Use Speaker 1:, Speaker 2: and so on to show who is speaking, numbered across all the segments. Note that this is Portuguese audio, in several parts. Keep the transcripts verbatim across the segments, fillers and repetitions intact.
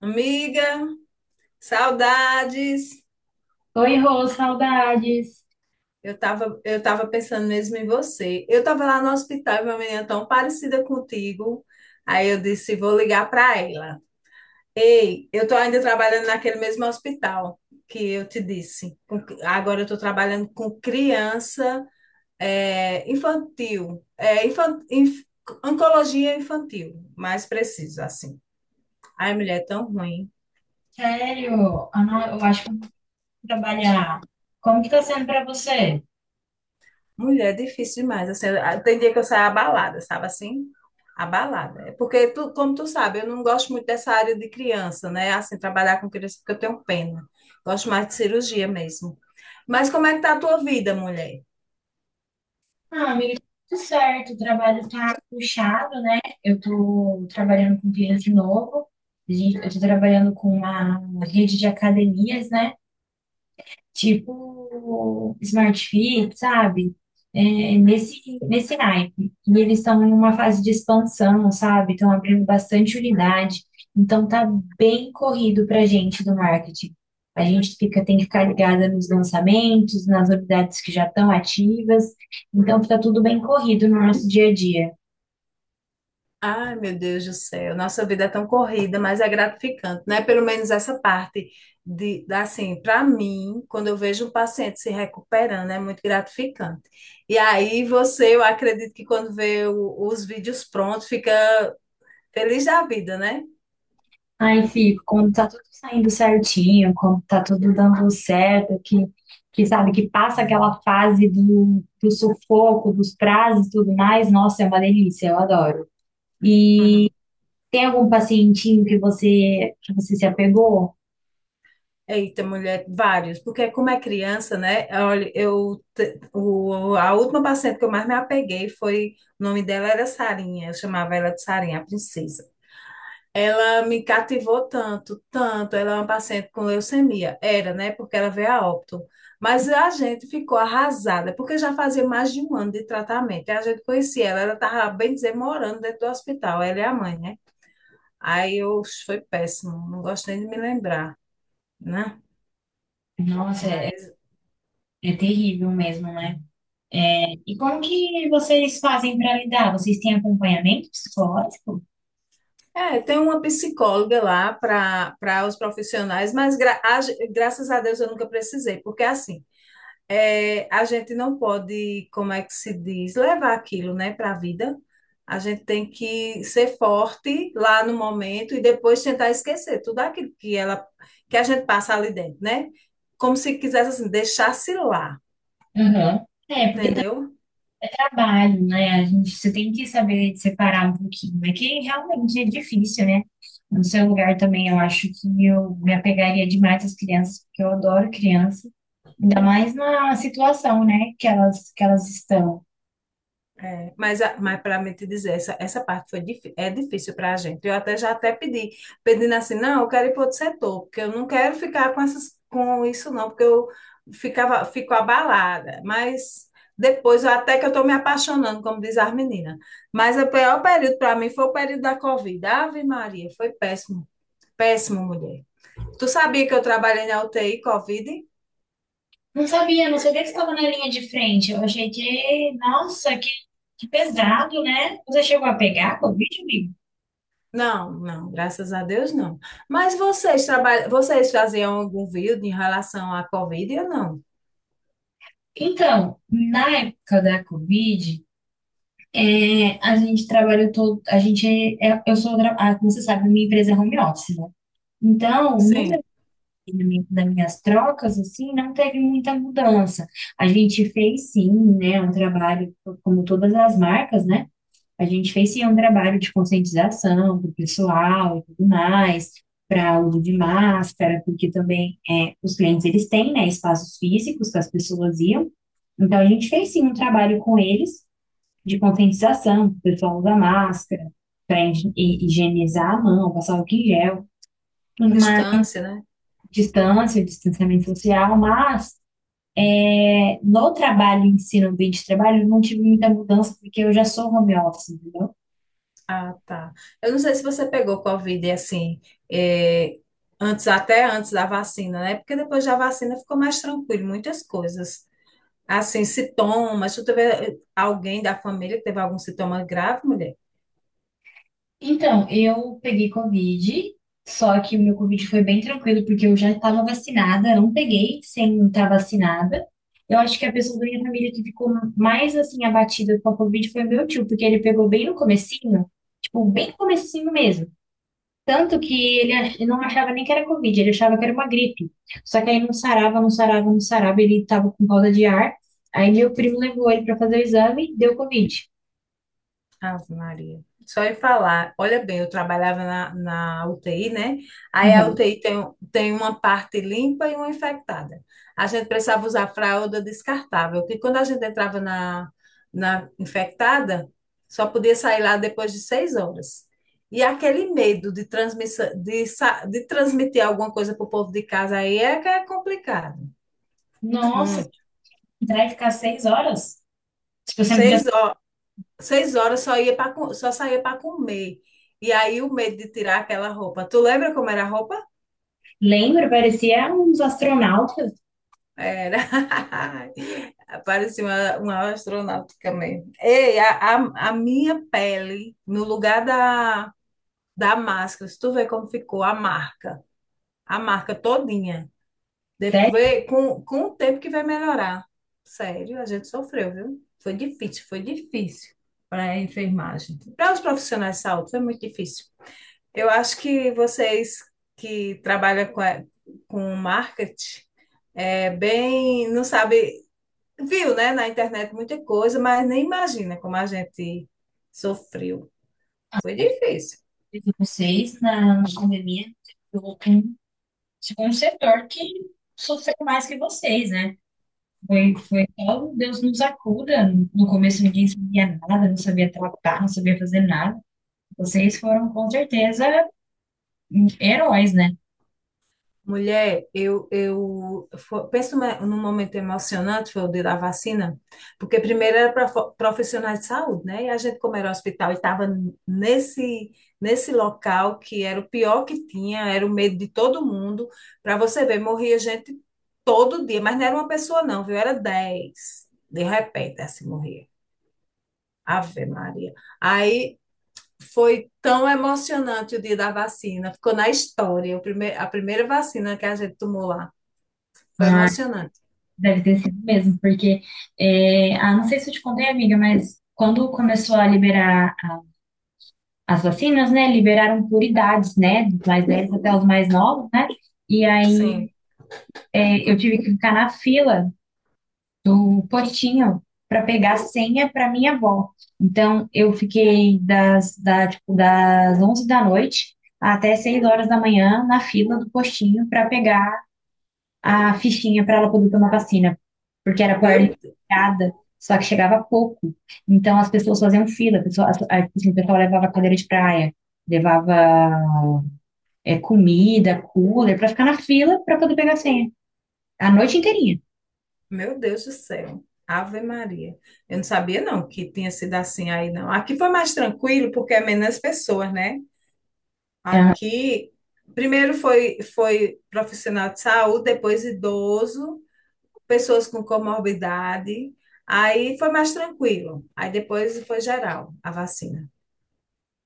Speaker 1: Amiga, saudades.
Speaker 2: Oi, Rô, saudades.
Speaker 1: Eu tava, eu tava pensando mesmo em você. Eu tava lá no hospital e uma menina tão parecida contigo. Aí eu disse, vou ligar para ela. Ei, eu tô ainda trabalhando naquele mesmo hospital que eu te disse. Com- Agora eu tô trabalhando com criança é, infantil, é, infan- inf- oncologia infantil, mais preciso assim. Ai, mulher, é tão ruim.
Speaker 2: Sério, ah, não, eu acho que eu vou trabalhar. Como que tá sendo pra você?
Speaker 1: Mulher, é difícil demais. Assim, eu- tem dia que eu saio abalada, sabe assim? Abalada. É. Porque, tu, como tu sabe, eu não gosto muito dessa área de criança, né? Assim, trabalhar com criança, porque eu tenho pena. Gosto mais de cirurgia mesmo. Mas como é que tá a tua vida, mulher?
Speaker 2: Ah, amiga, tudo certo. O trabalho tá puxado, né? Eu tô trabalhando com clientes de novo. A gente- Eu tô trabalhando com uma rede de academias, né? Tipo Smart Fit, sabe? É, nesse, nesse naipe. E eles estão em uma fase de expansão, sabe? Estão abrindo bastante unidade. Então tá bem corrido pra gente do marketing. A gente fica, tem que ficar ligada nos lançamentos, nas unidades que já estão ativas. Então fica tudo bem corrido no nosso dia a dia.
Speaker 1: Ai, meu Deus do céu, nossa vida é tão corrida, mas é gratificante, né? Pelo menos essa parte de, da- assim, para mim, quando eu vejo um paciente se recuperando, é muito gratificante. E aí você, eu acredito que quando vê o- os vídeos prontos, fica feliz da vida, né?
Speaker 2: Aí fico, quando tá tudo saindo certinho, quando tá tudo dando certo, que, que sabe, que passa aquela fase do, do sufoco, dos prazos e tudo mais, nossa, é uma delícia, eu adoro. E
Speaker 1: Uhum.
Speaker 2: tem algum pacientinho que você, que você se apegou?
Speaker 1: Eita, mulher, vários, porque como é criança, né? Olha, eu te- o, a última paciente que eu mais me apeguei foi, o nome dela era Sarinha, eu chamava ela de Sarinha, a princesa. Ela me cativou tanto, tanto. Ela é uma paciente com leucemia, era, né? Porque ela veio a óbito. Mas a gente ficou arrasada, porque já fazia mais de um ano de tratamento. E a gente conhecia ela, ela estava, bem dizer, morando dentro do hospital, ela é a mãe, né? Aí eu, foi péssimo, não gosto nem de me lembrar, né?
Speaker 2: Nossa, é,
Speaker 1: Mas
Speaker 2: é terrível mesmo, né? E como que vocês fazem para lidar? Vocês têm acompanhamento psicológico?
Speaker 1: é, tem uma psicóloga lá para para os profissionais, mas gra- a ge- graças a Deus eu nunca precisei, porque assim, é, a gente não pode, como é que se diz, levar aquilo, né, para a vida. A gente tem que ser forte lá no momento e depois tentar esquecer tudo aquilo que ela que a gente passa ali dentro, né? Como se quisesse assim, deixasse lá,
Speaker 2: Uhum. É, porque
Speaker 1: entendeu?
Speaker 2: trabalho, né? A gente, você tem que saber separar um pouquinho. É que realmente é difícil, né? No seu lugar também, eu acho que eu me apegaria demais às crianças, porque eu adoro criança. Ainda mais na situação, né, que elas, que elas estão.
Speaker 1: É, mas, a- mas para me te dizer, essa, essa parte foi, difí- é difícil para a gente. Eu até já até pedi, pedindo assim, não, eu quero ir para outro setor, porque eu não quero ficar com essas, com isso não, porque eu ficava, fico abalada. Mas depois, eu- até que eu estou me apaixonando, como diz as meninas. Mas é o pior período para mim foi o período da Covid. Ave Maria, foi péssimo, péssimo, mulher. Tu sabia que eu trabalhei na U T I Covid?
Speaker 2: Não sabia, não sabia que estava na linha de frente. Eu achei que, nossa, que, que pesado, né? Você chegou a pegar a Covid, amigo?
Speaker 1: Não, não, graças a Deus não. Mas vocês trabalham, vocês faziam algum vídeo em relação à Covid ou não?
Speaker 2: Então, na época da Covid, É, a gente trabalha todo, a gente é, é- eu sou, tra- ah, como você sabe, minha empresa é home office, né? Então, no meu
Speaker 1: Sim,
Speaker 2: treinamento das minhas trocas, assim, não teve muita mudança. A gente fez sim, né, um trabalho, como todas as marcas, né? A gente fez sim um trabalho de conscientização do pessoal e tudo mais, para uso de máscara, porque também é, os clientes eles têm, né, espaços físicos que as pessoas iam. Então, a gente fez sim um trabalho com eles de conscientização, o pessoal usa máscara para higienizar a mão, passar álcool em gel, uma
Speaker 1: distância, né?
Speaker 2: distância, distanciamento social, mas é, no trabalho em si, no ambiente de trabalho, eu não tive muita mudança porque eu já sou home office, entendeu?
Speaker 1: Ah, tá. Eu não sei se você pegou Covid assim, eh, antes, até antes da vacina, né? Porque depois da vacina ficou mais tranquilo, muitas coisas. Assim, sintomas, tu teve eh, alguém da família que teve algum sintoma grave, mulher?
Speaker 2: Então, eu peguei Covid, só que o meu Covid foi bem tranquilo, porque eu já estava vacinada, não peguei sem estar vacinada. Eu acho que a pessoa da minha família que ficou mais, assim, abatida com a Covid foi meu tio, porque ele pegou bem no comecinho, tipo, bem no comecinho mesmo. Tanto que ele ach- ele não achava nem que era Covid, ele achava que era uma gripe. Só que aí não sarava, não sarava, não sarava, ele estava com falta de ar. Aí meu primo levou ele para fazer o exame, deu Covid.
Speaker 1: Ave Maria. Só em falar, olha bem, eu trabalhava na, na U T I, né? Aí a
Speaker 2: Uhum.
Speaker 1: U T I tem, tem uma parte limpa e uma infectada. A gente precisava usar fralda descartável, porque quando a gente entrava na, na infectada, só podia sair lá depois de seis horas. E aquele medo de, transmissão, de, sa- de transmitir alguma coisa para o povo de casa aí é que é complicado.
Speaker 2: Nossa,
Speaker 1: Muito.
Speaker 2: entrar e ficar seis horas? Tipo, eu sempre já
Speaker 1: Seis horas. Seis horas só ia para só saía para comer. E aí o medo de tirar aquela roupa. Tu lembra como era a roupa?
Speaker 2: lembro, parecia uns astronautas,
Speaker 1: Era. Parecia uma, uma astronauta mesmo. Ei, a, a, a minha pele, no lugar da, da máscara, se tu vê como ficou a marca, a marca todinha. De,
Speaker 2: sério,
Speaker 1: vê, com, com o tempo que vai melhorar. Sério, a gente sofreu, viu? Foi difícil, foi difícil para a enfermagem. Para os profissionais de saúde, foi muito difícil. Eu acho que vocês que trabalham com, a- com marketing é bem, não sabe, viu, né, na internet muita coisa, mas nem imagina como a gente sofreu. Foi difícil.
Speaker 2: de vocês na, na pandemia. tipo um, tipo um setor que sofreu mais que vocês, né? Foi, foi só o Deus nos acuda. No começo ninguém sabia nada, não sabia tratar, não sabia fazer nada. Vocês foram, com certeza, heróis, né?
Speaker 1: Mulher, eu, eu fo- penso me- num momento emocionante, foi o dia da vacina, porque primeiro era para profissionais de saúde, né? E a gente, como era hospital, estava nesse, nesse local que era o pior que tinha, era o medo de todo mundo. Para você ver, morria gente todo dia, mas não era uma pessoa, não, viu? Era dez, de repente, assim morria. Ave Maria. Aí foi tão emocionante o dia da vacina, ficou na história, o prime- a primeira vacina que a gente tomou lá. Foi
Speaker 2: Mas
Speaker 1: emocionante.
Speaker 2: deve ter sido mesmo, porque, é, ah, não sei se eu te contei, amiga, mas quando começou a liberar as vacinas, né, liberaram por idades, né, dos mais velhos até os mais novos, né, e aí
Speaker 1: Sim.
Speaker 2: é, eu tive que ficar na fila do postinho para pegar a senha para minha avó. Então, eu fiquei das, da, tipo, das onze da noite até seis horas da manhã na fila do postinho para pegar a fichinha para ela poder tomar vacina, porque era por
Speaker 1: Meu,
Speaker 2: ligada, só que chegava pouco. Então, as pessoas faziam fila, a pessoa, a, a, assim, o pessoal levava cadeira de praia, levava é, comida, cooler, pra ficar na fila pra poder pegar a senha. A noite inteirinha.
Speaker 1: meu Deus do céu. Ave Maria. Eu não sabia, não, que tinha sido assim aí, não. Aqui foi mais tranquilo, porque é menos pessoas, né?
Speaker 2: Ah,
Speaker 1: Aqui, primeiro foi, foi profissional de saúde, depois idoso, pessoas com comorbidade. Aí foi mais tranquilo. Aí depois foi geral a vacina,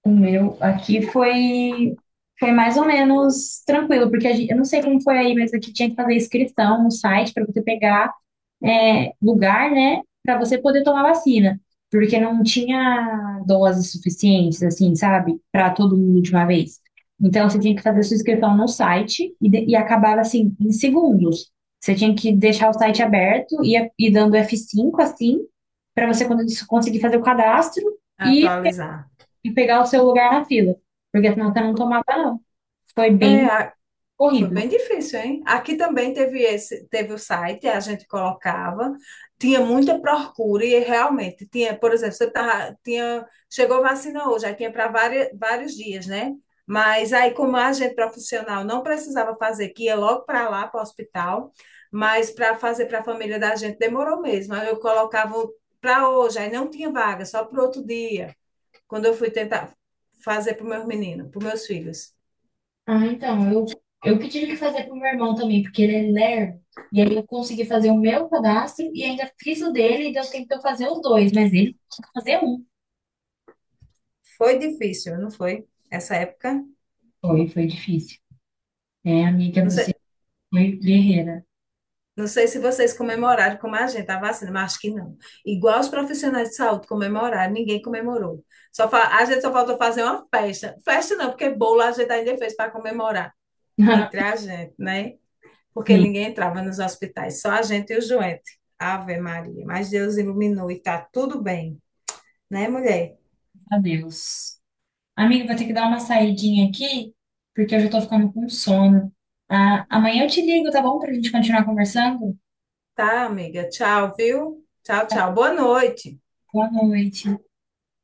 Speaker 2: o meu aqui foi, foi mais ou menos tranquilo, porque a gente, eu não sei como foi aí, mas aqui tinha que fazer inscrição no site pra poder pegar, é, lugar, né, para você poder tomar vacina, porque não tinha doses suficientes, assim, sabe, para todo mundo de uma vez. Então, você tinha que fazer sua inscrição no site e, de- e acabava, assim, em segundos. Você tinha que deixar o site aberto e a- e dando f cinco assim, para você quando isso- conseguir fazer o cadastro e,
Speaker 1: atualizar.
Speaker 2: e pegar o seu lugar na fila, porque senão você não tomava, não. Foi bem
Speaker 1: É, foi
Speaker 2: corrido.
Speaker 1: bem difícil, hein? Aqui também teve esse, teve o site, a gente colocava, tinha muita procura e realmente tinha, por exemplo, você tá tinha, chegou vacina hoje, aí tinha para vários dias, né? Mas aí, como a gente profissional não precisava fazer, que ia logo para lá, para o hospital, mas para fazer para a família da gente demorou mesmo. Aí eu colocava para hoje, aí não tinha vaga, só para outro dia, quando eu fui tentar fazer para os meus meninos, para os meus filhos.
Speaker 2: Ah, então, eu, eu que tive que fazer pro meu irmão também, porque ele é lerdo. E aí eu consegui fazer o meu cadastro e ainda fiz o dele e deu tempo de eu fazer os dois, mas ele conseguiu fazer um.
Speaker 1: Foi difícil, não foi? Essa época.
Speaker 2: Foi, foi difícil. É, amiga,
Speaker 1: Não
Speaker 2: você
Speaker 1: sei,
Speaker 2: foi guerreira.
Speaker 1: não sei se vocês comemoraram como a gente, a vacina, mas acho que não. Igual os profissionais de saúde comemoraram, ninguém comemorou. Só fa- a gente só faltou fazer uma festa. Festa não, porque bolo a gente ainda fez para comemorar entre a gente, né? Porque
Speaker 2: Sim,
Speaker 1: ninguém entrava nos hospitais, só a gente e o doentes. Ave Maria, mas Deus iluminou e tá tudo bem, né, mulher?
Speaker 2: adeus. Amiga, vou ter que dar uma saidinha aqui, porque eu já tô ficando com sono. Ah, amanhã eu te ligo, tá bom? Pra gente continuar conversando?
Speaker 1: Tá, amiga. Tchau, viu? Tchau, tchau. Boa noite.
Speaker 2: Boa noite.